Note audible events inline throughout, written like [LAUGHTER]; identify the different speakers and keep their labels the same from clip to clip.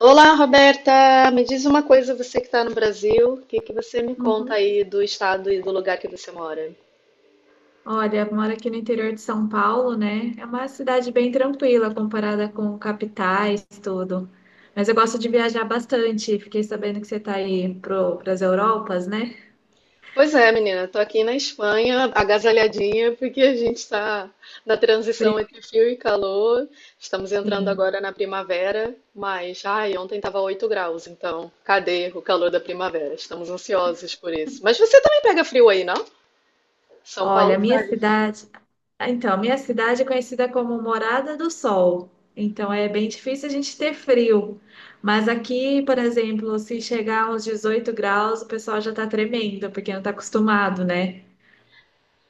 Speaker 1: Olá, Roberta! Me diz uma coisa, você que está no Brasil, o que que você me conta
Speaker 2: Uhum.
Speaker 1: aí do estado e do lugar que você mora?
Speaker 2: Olha, eu moro aqui no interior de São Paulo, né? É uma cidade bem tranquila comparada com capitais, tudo. Mas eu gosto de viajar bastante. Fiquei sabendo que você está aí para as Europas, né?
Speaker 1: Pois é, menina, tô aqui na Espanha, agasalhadinha, porque a gente está na transição
Speaker 2: Frio,
Speaker 1: entre frio e calor. Estamos entrando agora
Speaker 2: sim.
Speaker 1: na primavera, mas, ai, ontem estava 8 graus, então, cadê o calor da primavera? Estamos ansiosos por isso. Mas você também pega frio aí, não? São
Speaker 2: Olha,
Speaker 1: Paulo
Speaker 2: a minha
Speaker 1: faz.
Speaker 2: cidade. Ah, então, a minha cidade é conhecida como Morada do Sol. Então, é bem difícil a gente ter frio. Mas aqui, por exemplo, se chegar aos 18 graus, o pessoal já está tremendo, porque não está acostumado, né?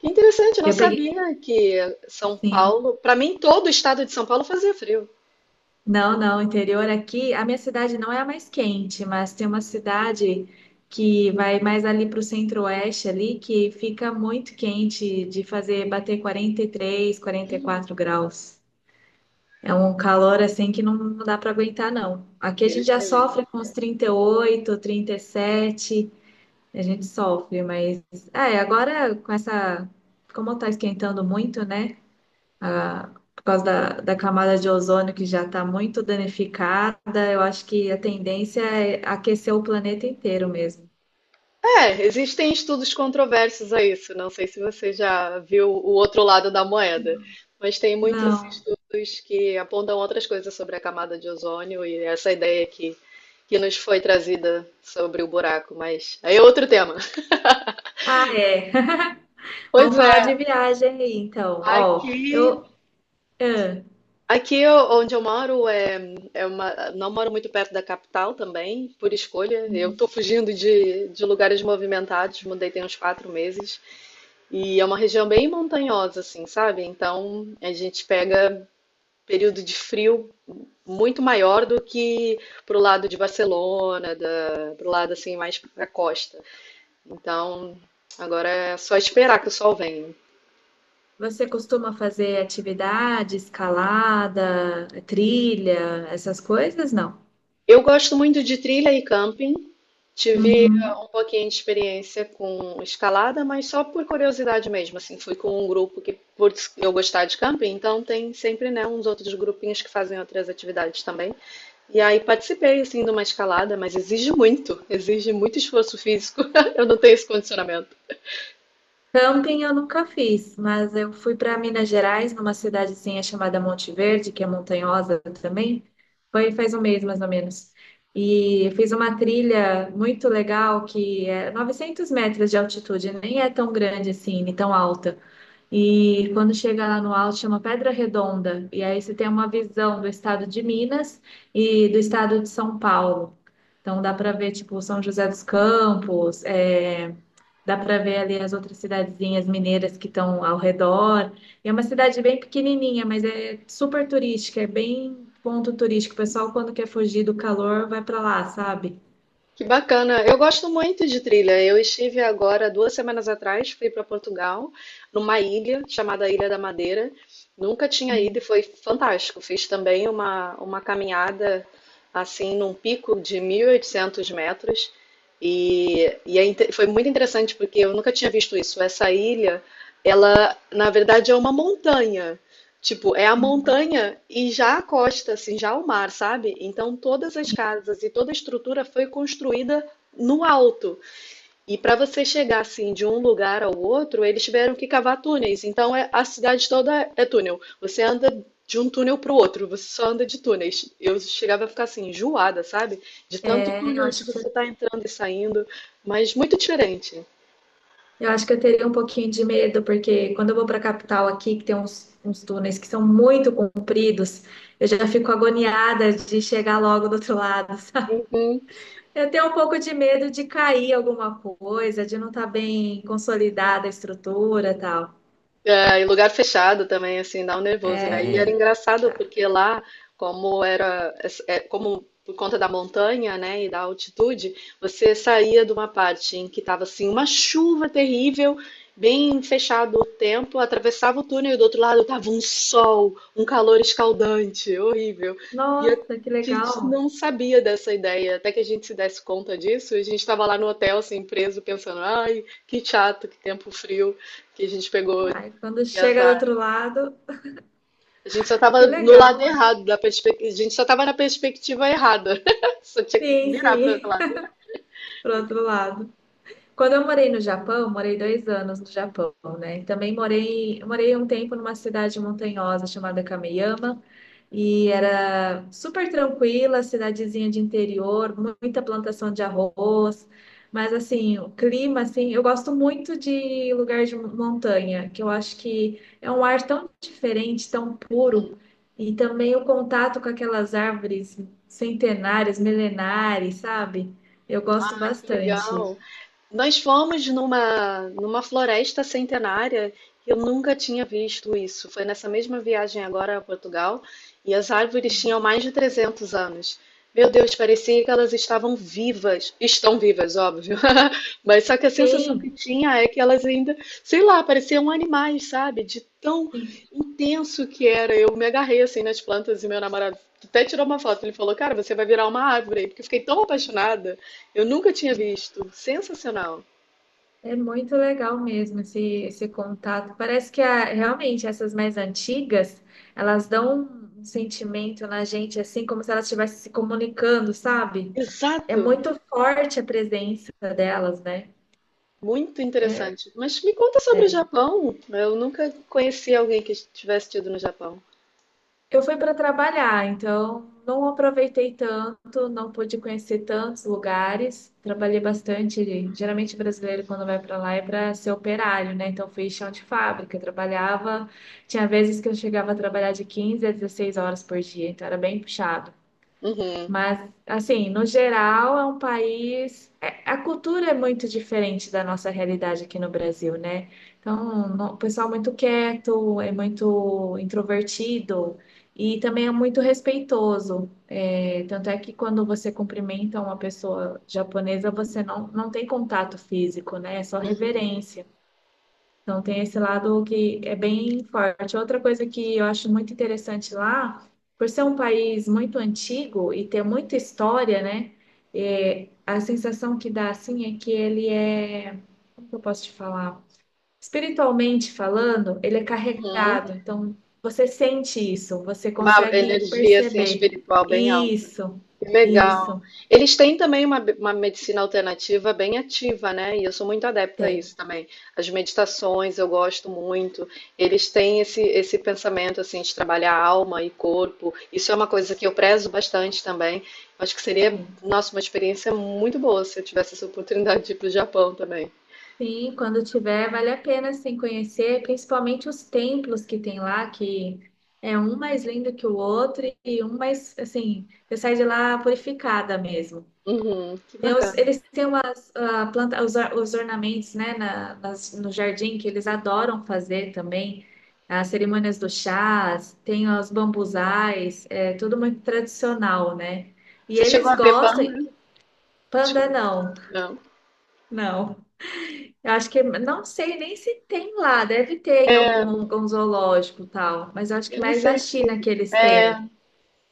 Speaker 1: Que interessante, eu não
Speaker 2: Eu peguei.
Speaker 1: sabia que São
Speaker 2: Sim.
Speaker 1: Paulo, para mim todo o estado de São Paulo fazia frio.
Speaker 2: Não, não, interior aqui, a minha cidade não é a mais quente, mas tem uma cidade que vai mais ali para o centro-oeste ali, que fica muito quente de fazer bater 43, 44 graus. É um calor assim que não, não dá para aguentar, não. Aqui a gente
Speaker 1: Deus
Speaker 2: já
Speaker 1: me livre.
Speaker 2: sofre com os 38, 37, a gente sofre, mas é, agora com essa, como tá esquentando muito, né? a- por causa da camada de ozônio que já está muito danificada, eu acho que a tendência é aquecer o planeta inteiro mesmo.
Speaker 1: É, existem estudos controversos a isso. Não sei se você já viu o outro lado da moeda, mas tem muitos
Speaker 2: Não.
Speaker 1: estudos que apontam outras coisas sobre a camada de ozônio e essa ideia que nos foi trazida sobre o buraco. Mas aí é outro tema.
Speaker 2: Ah, é. [LAUGHS]
Speaker 1: Pois
Speaker 2: Vamos falar
Speaker 1: é,
Speaker 2: de viagem aí, então. Ó,
Speaker 1: aqui
Speaker 2: eu. ah,
Speaker 1: Onde eu moro é, é uma, não moro muito perto da capital também, por escolha. Eu estou fugindo de lugares movimentados, mudei tem uns 4 meses. E é uma região bem montanhosa, assim, sabe? Então a gente pega período de frio muito maior do que pro lado de Barcelona, da, pro lado assim mais pra costa. Então agora é só esperar que o sol venha.
Speaker 2: Você costuma fazer atividade, escalada, trilha, essas coisas? Não.
Speaker 1: Eu gosto muito de trilha e camping. Tive um
Speaker 2: Uhum.
Speaker 1: pouquinho de experiência com escalada, mas só por curiosidade mesmo, assim, fui com um grupo que, por eu gostar de camping, então tem sempre, né, uns outros grupinhos que fazem outras atividades também. E aí participei, assim, de uma escalada, mas exige muito esforço físico. [LAUGHS] Eu não tenho esse condicionamento.
Speaker 2: Camping eu nunca fiz, mas eu fui para Minas Gerais, numa cidadezinha chamada Monte Verde, que é montanhosa também. Foi faz um mês mais ou menos. E fiz uma trilha muito legal que é 900 metros de altitude, nem é tão grande assim, nem tão alta. E quando chega lá no alto, chama Pedra Redonda. E aí você tem uma visão do estado de Minas e do estado de São Paulo. Então dá para ver tipo São José dos Campos. Dá para ver ali as outras cidadezinhas mineiras que estão ao redor. E é uma cidade bem pequenininha, mas é super turística, é bem ponto turístico. O pessoal, quando quer fugir do calor, vai para lá, sabe?
Speaker 1: Que bacana. Eu gosto muito de trilha. Eu estive agora, 2 semanas atrás, fui para Portugal, numa ilha chamada Ilha da Madeira. Nunca tinha ido e
Speaker 2: Uhum,
Speaker 1: foi fantástico. Fiz também uma caminhada, assim, num pico de 1.800 metros. Foi muito interessante porque eu nunca tinha visto isso. Essa ilha, ela, na verdade, é uma montanha. Tipo, é a
Speaker 2: uhum.
Speaker 1: montanha e já a costa, assim, já o mar, sabe? Então todas as casas e toda a estrutura foi construída no alto. E para você chegar assim de um lugar ao outro, eles tiveram que cavar túneis. A cidade toda é túnel. Você anda de um túnel para o outro, você só anda de túneis. Eu chegava a ficar assim enjoada, sabe? De tanto
Speaker 2: É, eu
Speaker 1: túnel de
Speaker 2: acho
Speaker 1: você
Speaker 2: que,
Speaker 1: estar entrando e saindo, mas muito diferente.
Speaker 2: eu acho que eu teria um pouquinho de medo, porque quando eu vou para a capital aqui, que tem uns túneis que são muito compridos, eu já fico agoniada de chegar logo do outro lado. Eu tenho um pouco de medo de cair alguma coisa, de não estar bem consolidada a estrutura, e tal.
Speaker 1: É, e lugar fechado também, assim, dá um nervoso, né? E era
Speaker 2: É,
Speaker 1: engraçado
Speaker 2: tá.
Speaker 1: porque lá, como era, é, como por conta da montanha, né, e da altitude, você saía de uma parte em que estava assim uma chuva terrível, bem fechado o tempo, atravessava o túnel e do outro lado tava um sol, um calor escaldante, horrível. E a
Speaker 2: Nossa, que
Speaker 1: gente
Speaker 2: legal.
Speaker 1: não sabia dessa ideia, até que a gente se desse conta disso, e a gente estava lá no hotel, assim, preso, pensando, ai, que chato, que tempo frio que a gente pegou
Speaker 2: Ai, quando
Speaker 1: que
Speaker 2: chega do
Speaker 1: azar.
Speaker 2: outro lado,
Speaker 1: A gente só tava
Speaker 2: que
Speaker 1: no lado
Speaker 2: legal.
Speaker 1: errado da perspectiva. A gente só tava na perspectiva errada. [LAUGHS] Só tinha que
Speaker 2: Sim,
Speaker 1: virar para outro
Speaker 2: sim,
Speaker 1: lado.
Speaker 2: [LAUGHS] pro outro lado. Quando eu morei no Japão, morei 2 anos no Japão, né? E também morei um tempo numa cidade montanhosa chamada Kameyama. E era super tranquila, cidadezinha de interior, muita plantação de arroz. Mas assim, o clima, assim, eu gosto muito de lugar de montanha, que eu acho que é um ar tão diferente, tão puro, e também o contato com aquelas árvores centenárias, milenares, sabe? Eu gosto
Speaker 1: Que
Speaker 2: bastante.
Speaker 1: legal. Nós fomos numa floresta centenária, eu nunca tinha visto isso. Foi nessa mesma viagem agora a Portugal, e as árvores tinham mais de 300 anos. Meu Deus, parecia que elas estavam vivas. Estão vivas, óbvio. [LAUGHS] Mas só que a sensação que
Speaker 2: Sim,
Speaker 1: tinha é que elas ainda, sei lá, pareciam animais, sabe? De tão
Speaker 2: sim.
Speaker 1: intenso que era. Eu me agarrei assim nas plantas e meu namorado até tirou uma foto. Ele falou: Cara, você vai virar uma árvore aí, porque eu fiquei tão apaixonada. Eu nunca tinha visto. Sensacional.
Speaker 2: É muito legal mesmo esse contato. Parece que realmente essas mais antigas, elas dão um sentimento na gente, assim como se elas estivessem se comunicando, sabe? É
Speaker 1: Exato.
Speaker 2: muito forte a presença delas, né?
Speaker 1: Muito interessante. Mas me conta sobre o
Speaker 2: É.
Speaker 1: Japão. Eu nunca conheci alguém que tivesse tido no Japão.
Speaker 2: Eu fui para trabalhar, então não aproveitei tanto, não pude conhecer tantos lugares. Trabalhei bastante. Geralmente o brasileiro quando vai para lá é para ser operário, né? Então fui chão de fábrica, trabalhava. Tinha vezes que eu chegava a trabalhar de 15 a 16 horas por dia, então era bem puxado.
Speaker 1: Uhum,
Speaker 2: Mas, assim, no geral, é um país. A cultura é muito diferente da nossa realidade aqui no Brasil, né? Então, o pessoal é muito quieto, é muito introvertido e também é muito respeitoso. É, tanto é que quando você cumprimenta uma pessoa japonesa, você não, não tem contato físico, né? É só reverência. Então, tem esse lado que é bem forte. Outra coisa que eu acho muito interessante lá, por ser um país muito antigo e ter muita história, né? A sensação que dá assim é que ele é, como que eu posso te falar? Espiritualmente falando, ele é
Speaker 1: uhum.
Speaker 2: carregado. Então, você sente isso, você
Speaker 1: Uma
Speaker 2: consegue
Speaker 1: energia assim
Speaker 2: perceber.
Speaker 1: espiritual bem alta.
Speaker 2: Isso,
Speaker 1: Que legal.
Speaker 2: isso,
Speaker 1: Eles têm também uma medicina alternativa bem ativa, né? E eu sou muito adepta a
Speaker 2: tem.
Speaker 1: isso também. As meditações eu gosto muito. Eles têm esse pensamento assim de trabalhar alma e corpo. Isso é uma coisa que eu prezo bastante também. Acho que seria, nossa, uma experiência muito boa se eu tivesse essa oportunidade de ir para o Japão também.
Speaker 2: Sim, quando tiver, vale a pena sim conhecer, principalmente os templos que tem lá, que é um mais lindo que o outro e um mais, assim, você sai de lá purificada mesmo.
Speaker 1: Uhum, que
Speaker 2: Tem os-
Speaker 1: bacana.
Speaker 2: eles têm umas, os ornamentos, né, no jardim que eles adoram fazer também, as cerimônias do chás, tem os bambuzais, é tudo muito tradicional, né? E
Speaker 1: Você chegou a
Speaker 2: eles
Speaker 1: ver panda?
Speaker 2: gostam, panda
Speaker 1: Desculpa.
Speaker 2: não,
Speaker 1: Não.
Speaker 2: não. Eu acho que não sei nem se tem lá, deve ter em algum zoológico e tal, mas eu acho que
Speaker 1: Eu não
Speaker 2: mais na
Speaker 1: sei se,
Speaker 2: China que eles têm.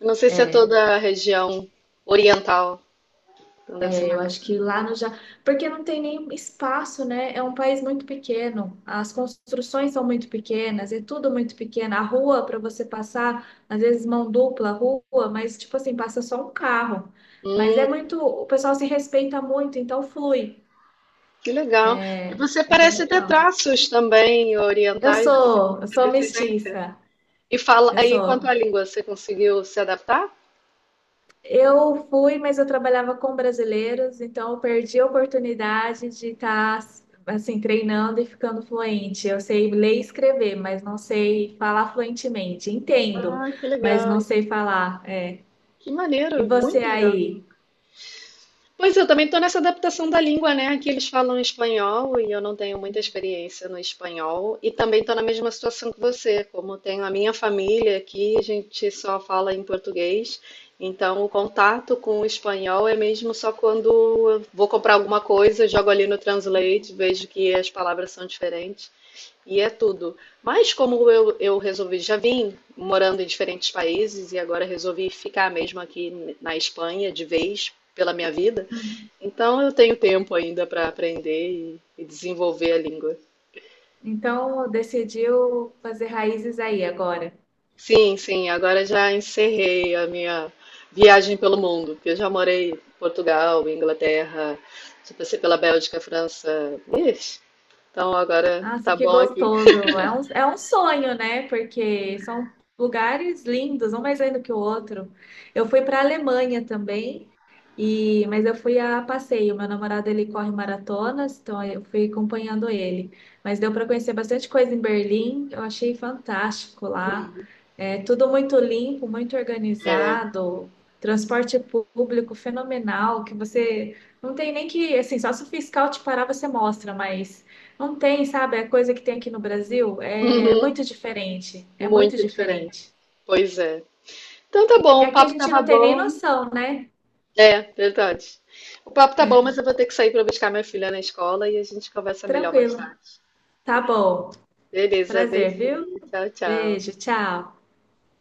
Speaker 1: eu não sei se é toda a região oriental. Então deve ser
Speaker 2: É, eu
Speaker 1: mais.
Speaker 2: acho
Speaker 1: Assim.
Speaker 2: que lá no Japão, porque não tem nem espaço, né? É um país muito pequeno, as construções são muito pequenas, é tudo muito pequeno. A rua para você passar, às vezes mão dupla, rua, mas tipo assim, passa só um carro. Mas é muito, o pessoal se respeita muito, então flui.
Speaker 1: Que legal. E
Speaker 2: É
Speaker 1: você
Speaker 2: é bem
Speaker 1: parece ter
Speaker 2: legal.
Speaker 1: traços também
Speaker 2: Eu
Speaker 1: orientais, você
Speaker 2: sou, eu
Speaker 1: tem
Speaker 2: sou
Speaker 1: descendência.
Speaker 2: mestiça.
Speaker 1: E fala,
Speaker 2: Eu
Speaker 1: aí quanto à
Speaker 2: sou.
Speaker 1: língua, você conseguiu se adaptar?
Speaker 2: Eu fui, mas eu trabalhava com brasileiros, então eu perdi a oportunidade de estar assim treinando e ficando fluente. Eu sei ler e escrever, mas não sei falar fluentemente. Entendo,
Speaker 1: Ah, que
Speaker 2: mas não
Speaker 1: legal.
Speaker 2: sei falar.
Speaker 1: Que
Speaker 2: E
Speaker 1: maneiro,
Speaker 2: você
Speaker 1: muito legal.
Speaker 2: aí?
Speaker 1: Pois é, eu também estou nessa adaptação da língua, né? Aqui eles falam espanhol e eu não tenho muita experiência no espanhol. E também estou na mesma situação que você, como tenho a minha família aqui, a gente só fala em português. Então o contato com o espanhol é mesmo só quando eu vou comprar alguma coisa, jogo ali no Translate, vejo que as palavras são diferentes e é tudo. Mas como eu resolvi, já vim morando em diferentes países e agora resolvi ficar mesmo aqui na Espanha de vez pela minha vida.
Speaker 2: Hum.
Speaker 1: Então eu tenho tempo ainda para aprender e desenvolver a língua.
Speaker 2: Então decidiu fazer raízes aí agora?
Speaker 1: Sim, sim, agora já encerrei a minha viagem pelo mundo, porque eu já morei em Portugal, Inglaterra, já passei pela Bélgica, França. Ixi, então agora
Speaker 2: Nossa,
Speaker 1: tá
Speaker 2: que
Speaker 1: bom aqui.
Speaker 2: gostoso. É um sonho, né? Porque são lugares lindos, um mais lindo que o outro. Eu fui para a Alemanha também, e mas eu fui a passeio. Meu namorado ele corre maratonas, então eu fui acompanhando ele. Mas deu para conhecer bastante coisa em Berlim. Eu achei fantástico lá. É tudo muito limpo, muito
Speaker 1: É,
Speaker 2: organizado. Transporte público fenomenal, que você não tem nem que, assim, só se o fiscal te parar, você mostra, mas não tem, sabe? A coisa que tem aqui no Brasil é
Speaker 1: uhum,
Speaker 2: muito diferente. É muito
Speaker 1: muito diferente.
Speaker 2: diferente.
Speaker 1: Pois é. Então tá bom,
Speaker 2: E
Speaker 1: o
Speaker 2: aqui a
Speaker 1: papo
Speaker 2: gente
Speaker 1: tava
Speaker 2: não tem nem
Speaker 1: bom.
Speaker 2: noção, né?
Speaker 1: É, verdade. O papo tá bom,
Speaker 2: É,
Speaker 1: mas eu vou ter que sair para buscar minha filha na escola e a gente conversa melhor mais
Speaker 2: tranquilo.
Speaker 1: tarde.
Speaker 2: Tá bom.
Speaker 1: Beleza,
Speaker 2: Prazer, viu?
Speaker 1: beijinho. Tchau, tchau.
Speaker 2: Beijo, tchau.